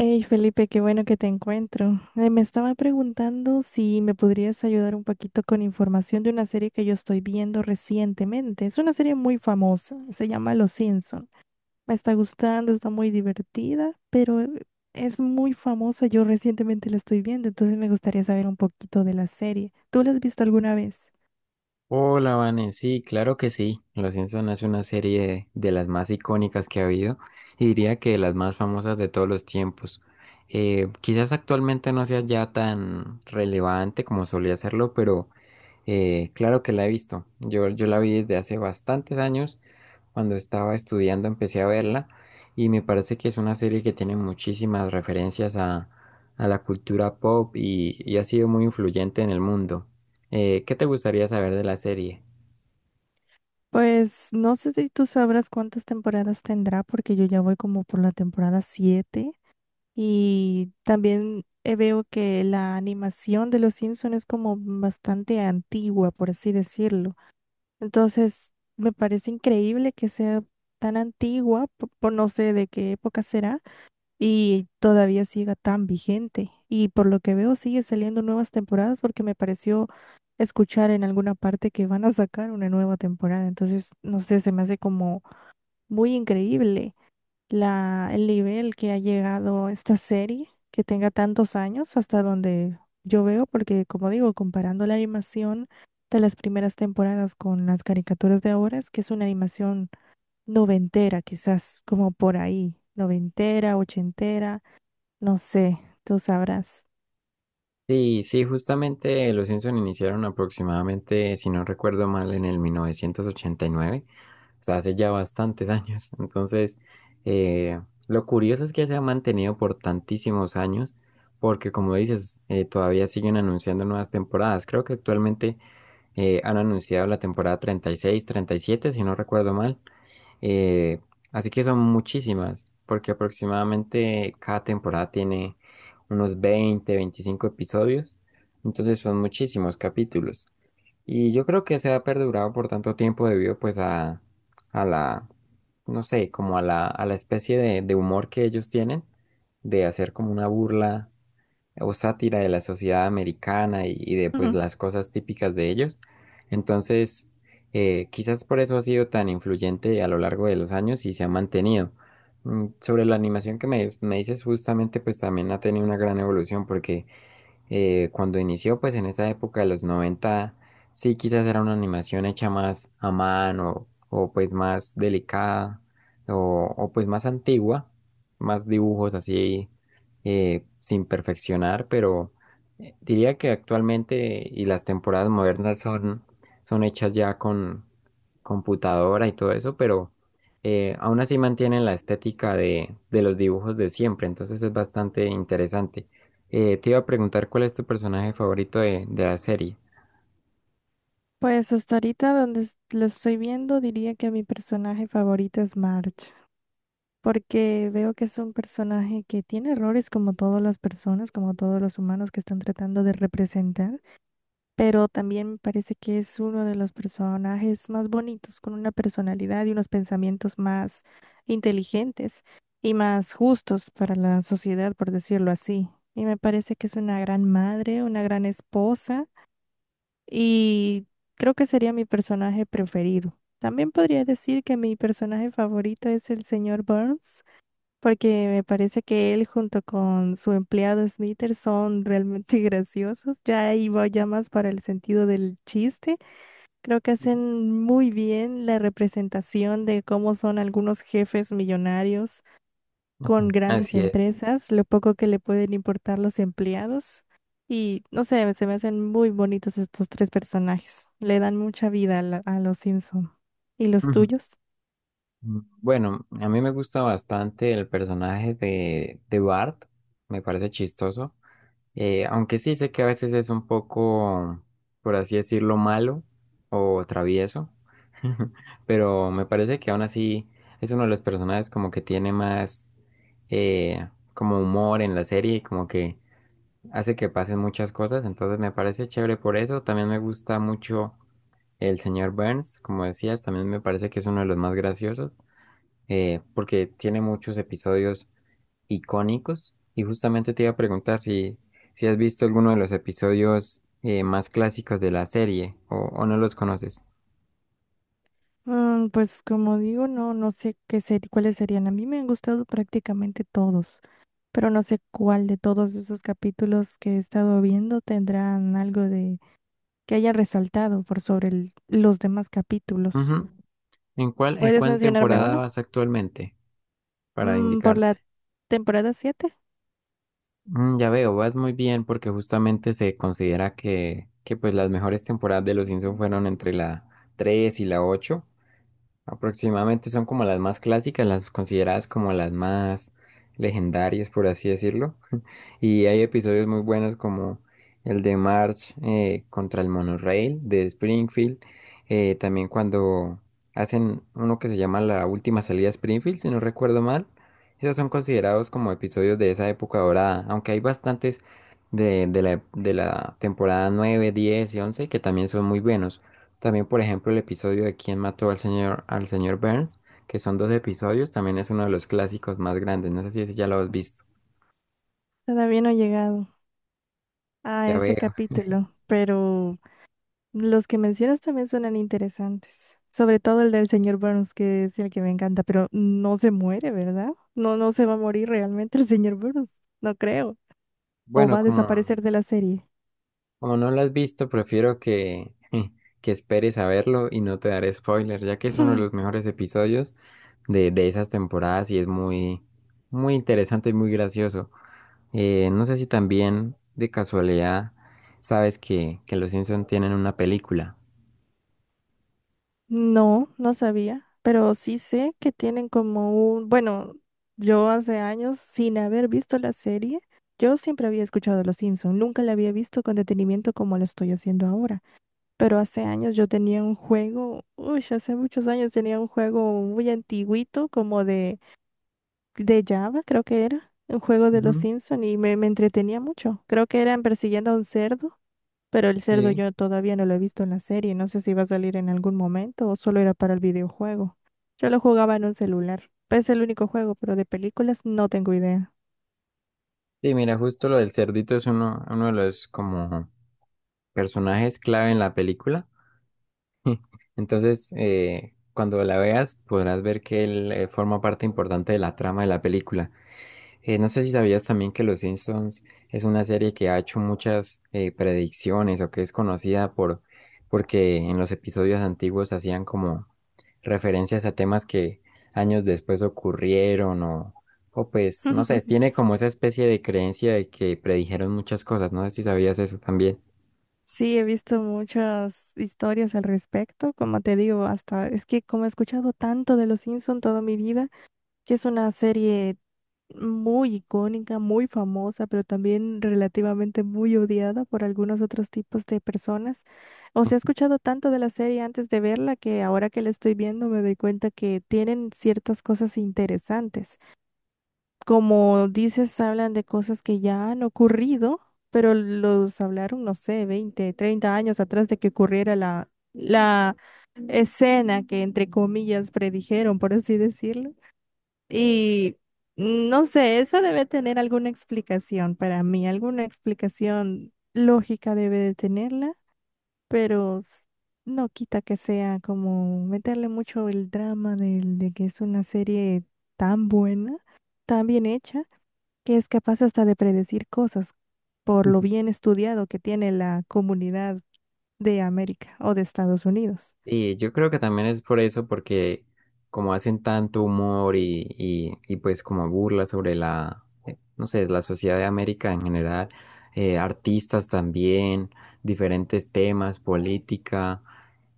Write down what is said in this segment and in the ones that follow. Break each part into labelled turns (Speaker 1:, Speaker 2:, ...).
Speaker 1: Hey Felipe, qué bueno que te encuentro. Me estaba preguntando si me podrías ayudar un poquito con información de una serie que yo estoy viendo recientemente. Es una serie muy famosa, se llama Los Simpson. Me está gustando, está muy divertida, pero es muy famosa. Yo recientemente la estoy viendo, entonces me gustaría saber un poquito de la serie. ¿Tú la has visto alguna vez?
Speaker 2: Hola, Vane. Sí, claro que sí. Los Simpson es una serie de las más icónicas que ha habido y diría que de las más famosas de todos los tiempos. Quizás actualmente no sea ya tan relevante como solía serlo, pero claro que la he visto. Yo la vi desde hace bastantes años. Cuando estaba estudiando empecé a verla y me parece que es una serie que tiene muchísimas referencias a la cultura pop y ha sido muy influyente en el mundo. ¿Qué te gustaría saber de la serie?
Speaker 1: Pues no sé si tú sabrás cuántas temporadas tendrá, porque yo ya voy como por la temporada 7. Y también veo que la animación de los Simpsons es como bastante antigua, por así decirlo. Entonces, me parece increíble que sea tan antigua, por, no sé de qué época será, y todavía siga tan vigente. Y por lo que veo, sigue saliendo nuevas temporadas porque me pareció escuchar en alguna parte que van a sacar una nueva temporada. Entonces, no sé, se me hace como muy increíble el nivel que ha llegado esta serie, que tenga tantos años hasta donde yo veo, porque como digo, comparando la animación de las primeras temporadas con las caricaturas de ahora, es que es una animación noventera, quizás como por ahí, noventera, ochentera, no sé, tú sabrás.
Speaker 2: Sí, sí, justamente los Simpson iniciaron aproximadamente, si no recuerdo mal, en el 1989, o sea, hace ya bastantes años. Entonces, eh, lo curioso es que se ha mantenido por tantísimos años, porque como dices, todavía siguen anunciando nuevas temporadas. Creo que actualmente han anunciado la temporada 30, 36, 37 si no recuerdo mal. Eh, Así que son muchísimas, porque aproximadamente cada temporada tiene unos 20, 25 episodios. Entonces son muchísimos capítulos. Y yo creo que se ha perdurado por tanto tiempo debido pues a la, no sé, como a la especie de humor que ellos tienen, de hacer como una burla o sátira de la sociedad americana y de pues
Speaker 1: Ujú.
Speaker 2: las cosas típicas de ellos. Entonces, quizás por eso ha sido tan influyente a lo largo de los años y se ha mantenido. Mm, sobre la animación que me dices, justamente pues también ha tenido una gran evolución porque cuando inició, pues en esa época de los 90, sí, quizás era una animación hecha más a mano o pues más delicada o, pues más antigua, más dibujos así sin perfeccionar, pero diría que actualmente y las temporadas modernas son, son hechas ya con computadora y todo eso, pero aún así mantienen la estética de los dibujos de siempre, entonces es bastante interesante. Te iba a preguntar cuál es tu personaje favorito de la serie.
Speaker 1: Pues hasta ahorita donde lo estoy viendo, diría que mi personaje favorito es Marge, porque veo que es un personaje que tiene errores como todas las personas, como todos los humanos que están tratando de representar, pero también me parece que es uno de los personajes más bonitos, con una personalidad y unos pensamientos más inteligentes y más justos para la sociedad, por decirlo así. Y me parece que es una gran madre, una gran esposa y creo que sería mi personaje preferido. También podría decir que mi personaje favorito es el señor Burns porque me parece que él junto con su empleado Smithers son realmente graciosos. Ya ahí va ya más para el sentido del chiste. Creo que hacen muy bien la representación de cómo son algunos jefes millonarios con
Speaker 2: Ujú.
Speaker 1: grandes
Speaker 2: Así es.
Speaker 1: empresas, lo poco que le pueden importar los empleados. Y no sé, se me hacen muy bonitos estos tres personajes. Le dan mucha vida a, a los Simpson. ¿Y los
Speaker 2: Ujú.
Speaker 1: tuyos?
Speaker 2: Mm, bueno, a mí me gusta bastante el personaje de Bart, me parece chistoso. Aunque sí sé que a veces es un poco, por así decirlo, malo o travieso, pero me parece que aún así es uno de los personajes como que tiene más eh, como humor en la serie, como que hace que pasen muchas cosas, entonces me parece chévere por eso. También me gusta mucho el señor Burns, como decías, también me parece que es uno de los más graciosos, porque tiene muchos episodios icónicos. Y justamente te iba a preguntar si, si has visto alguno de los episodios más clásicos de la serie o no los conoces.
Speaker 1: Pues como digo, no, no sé cuáles serían. A mí me han gustado prácticamente todos, pero no sé cuál de todos esos capítulos que he estado viendo tendrán algo de que haya resaltado por sobre los demás capítulos.
Speaker 2: Ujú. En
Speaker 1: ¿Puedes
Speaker 2: cuál
Speaker 1: mencionarme
Speaker 2: temporada
Speaker 1: uno?
Speaker 2: vas actualmente? Para
Speaker 1: Por la
Speaker 2: indicarte.
Speaker 1: temporada siete.
Speaker 2: Mm, ya veo, vas muy bien porque justamente se considera que pues las mejores temporadas de Los Simpson fueron entre la 3 y la 8. Aproximadamente son como las más clásicas, las consideradas como las más legendarias, por así decirlo. Y hay episodios muy buenos como el de March contra el monorail de Springfield. También cuando hacen uno que se llama La Última Salida a Springfield, si no recuerdo mal. Esos son considerados como episodios de esa época dorada, aunque hay bastantes de la temporada 9, 10 y 11 que también son muy buenos. También, por ejemplo, el episodio de ¿Quién mató al señor Burns? Que son dos episodios, también es uno de los clásicos más grandes. No sé si ese ya lo has visto.
Speaker 1: Todavía no he llegado a
Speaker 2: Ya
Speaker 1: ese
Speaker 2: veo.
Speaker 1: capítulo, pero los que mencionas también suenan interesantes, sobre todo el del señor Burns, que es el que me encanta, pero no se muere, ¿verdad? No, no se va a morir realmente el señor Burns, no creo. O
Speaker 2: Bueno,
Speaker 1: va a
Speaker 2: como,
Speaker 1: desaparecer de la serie.
Speaker 2: como no lo has visto, prefiero que, que esperes a verlo y no te daré spoiler, ya que es uno de los mejores episodios de esas temporadas y es muy, muy interesante y muy gracioso. No sé si también de casualidad sabes que los Simpson tienen una película.
Speaker 1: No, no sabía, pero sí sé que tienen como un, bueno, yo hace años, sin haber visto la serie, yo siempre había escuchado Los Simpson, nunca la había visto con detenimiento como lo estoy haciendo ahora. Pero hace años yo tenía un juego, uy, hace muchos años tenía un juego muy antiguito, como de, Java, creo que era, un juego de los
Speaker 2: Ujú,
Speaker 1: Simpson y me entretenía mucho. Creo que eran persiguiendo a un cerdo, pero el cerdo
Speaker 2: sí.
Speaker 1: yo todavía no lo he visto en la serie, no sé si va a salir en algún momento o solo era para el videojuego. Yo lo jugaba en un celular, pues, es el único juego, pero de películas no tengo idea.
Speaker 2: Sí, mira, justo lo del cerdito es uno, uno de los como personajes clave en la película. Entonces, cuando la veas, podrás ver que él forma parte importante de la trama de la película. No sé si sabías también que Los Simpsons es una serie que ha hecho muchas predicciones o que es conocida por porque en los episodios antiguos hacían como referencias a temas que años después ocurrieron o pues no sé, tiene como esa especie de creencia de que predijeron muchas cosas. No sé si sabías eso también.
Speaker 1: Sí, he visto muchas historias al respecto, como te digo, hasta es que como he escuchado tanto de Los Simpson toda mi vida, que es una serie muy icónica, muy famosa, pero también relativamente muy odiada por algunos otros tipos de personas. O sea, he escuchado tanto de la serie antes de verla que ahora que la estoy viendo me doy cuenta que tienen ciertas cosas interesantes, como dices, hablan de cosas que ya han ocurrido, pero los hablaron, no sé, 20, 30 años atrás de que ocurriera la, escena que entre comillas predijeron, por así decirlo. Y no sé, eso debe tener alguna explicación para mí, alguna explicación lógica debe de tenerla, pero no quita que sea como meterle mucho el drama de que es una serie tan buena, tan bien hecha que es capaz hasta de predecir cosas por lo bien estudiado que tiene la comunidad de América o de Estados Unidos.
Speaker 2: Y yo creo que también es por eso, porque como hacen tanto humor y pues como burla sobre la, no sé, la sociedad de América en general, artistas también, diferentes temas, política,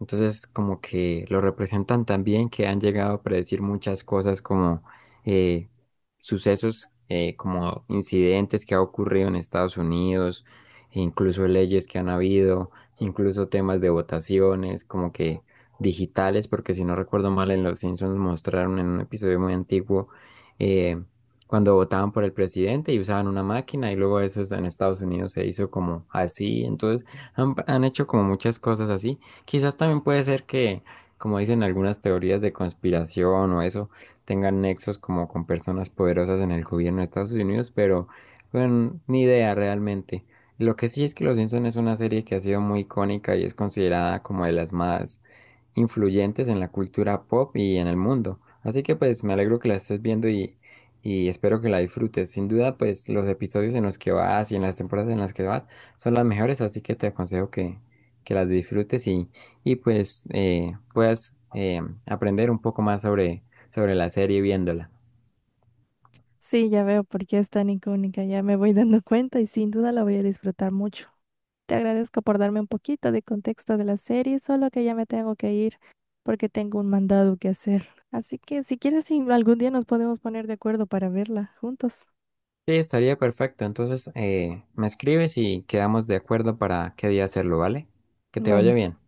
Speaker 2: entonces como que lo representan tan bien que han llegado a predecir muchas cosas como eh, sucesos, como incidentes que ha ocurrido en Estados Unidos, e incluso leyes que han habido, incluso temas de votaciones, como que digitales, porque si no recuerdo mal, en Los Simpsons mostraron en un episodio muy antiguo eh, cuando votaban por el presidente y usaban una máquina y luego eso es- en Estados Unidos se hizo como así, entonces han hecho como muchas cosas así. Quizás también puede ser que, como dicen algunas teorías de conspiración o eso, tengan nexos como con personas poderosas en el gobierno de Estados Unidos, pero bueno, ni idea realmente. Lo que sí es que Los Simpson es una serie que ha sido muy icónica y es considerada como de las más influyentes en la cultura pop y en el mundo. Así que pues me alegro que la estés viendo y espero que la disfrutes. Sin duda pues los episodios en los que vas y en las temporadas en las que vas son las mejores, así que te aconsejo que las disfrutes y pues puedas aprender un poco más sobre, sobre la serie viéndola.
Speaker 1: Sí, ya veo por qué es tan icónica, ya me voy dando cuenta y sin duda la voy a disfrutar mucho. Te agradezco por darme un poquito de contexto de la serie, solo que ya me tengo que ir porque tengo un mandado que hacer. Así que si quieres, sí, algún día nos podemos poner de acuerdo para verla juntos.
Speaker 2: Sí, estaría perfecto. Entonces, me escribes y quedamos de acuerdo para qué día hacerlo, ¿vale? Que te vaya
Speaker 1: Bueno.
Speaker 2: bien.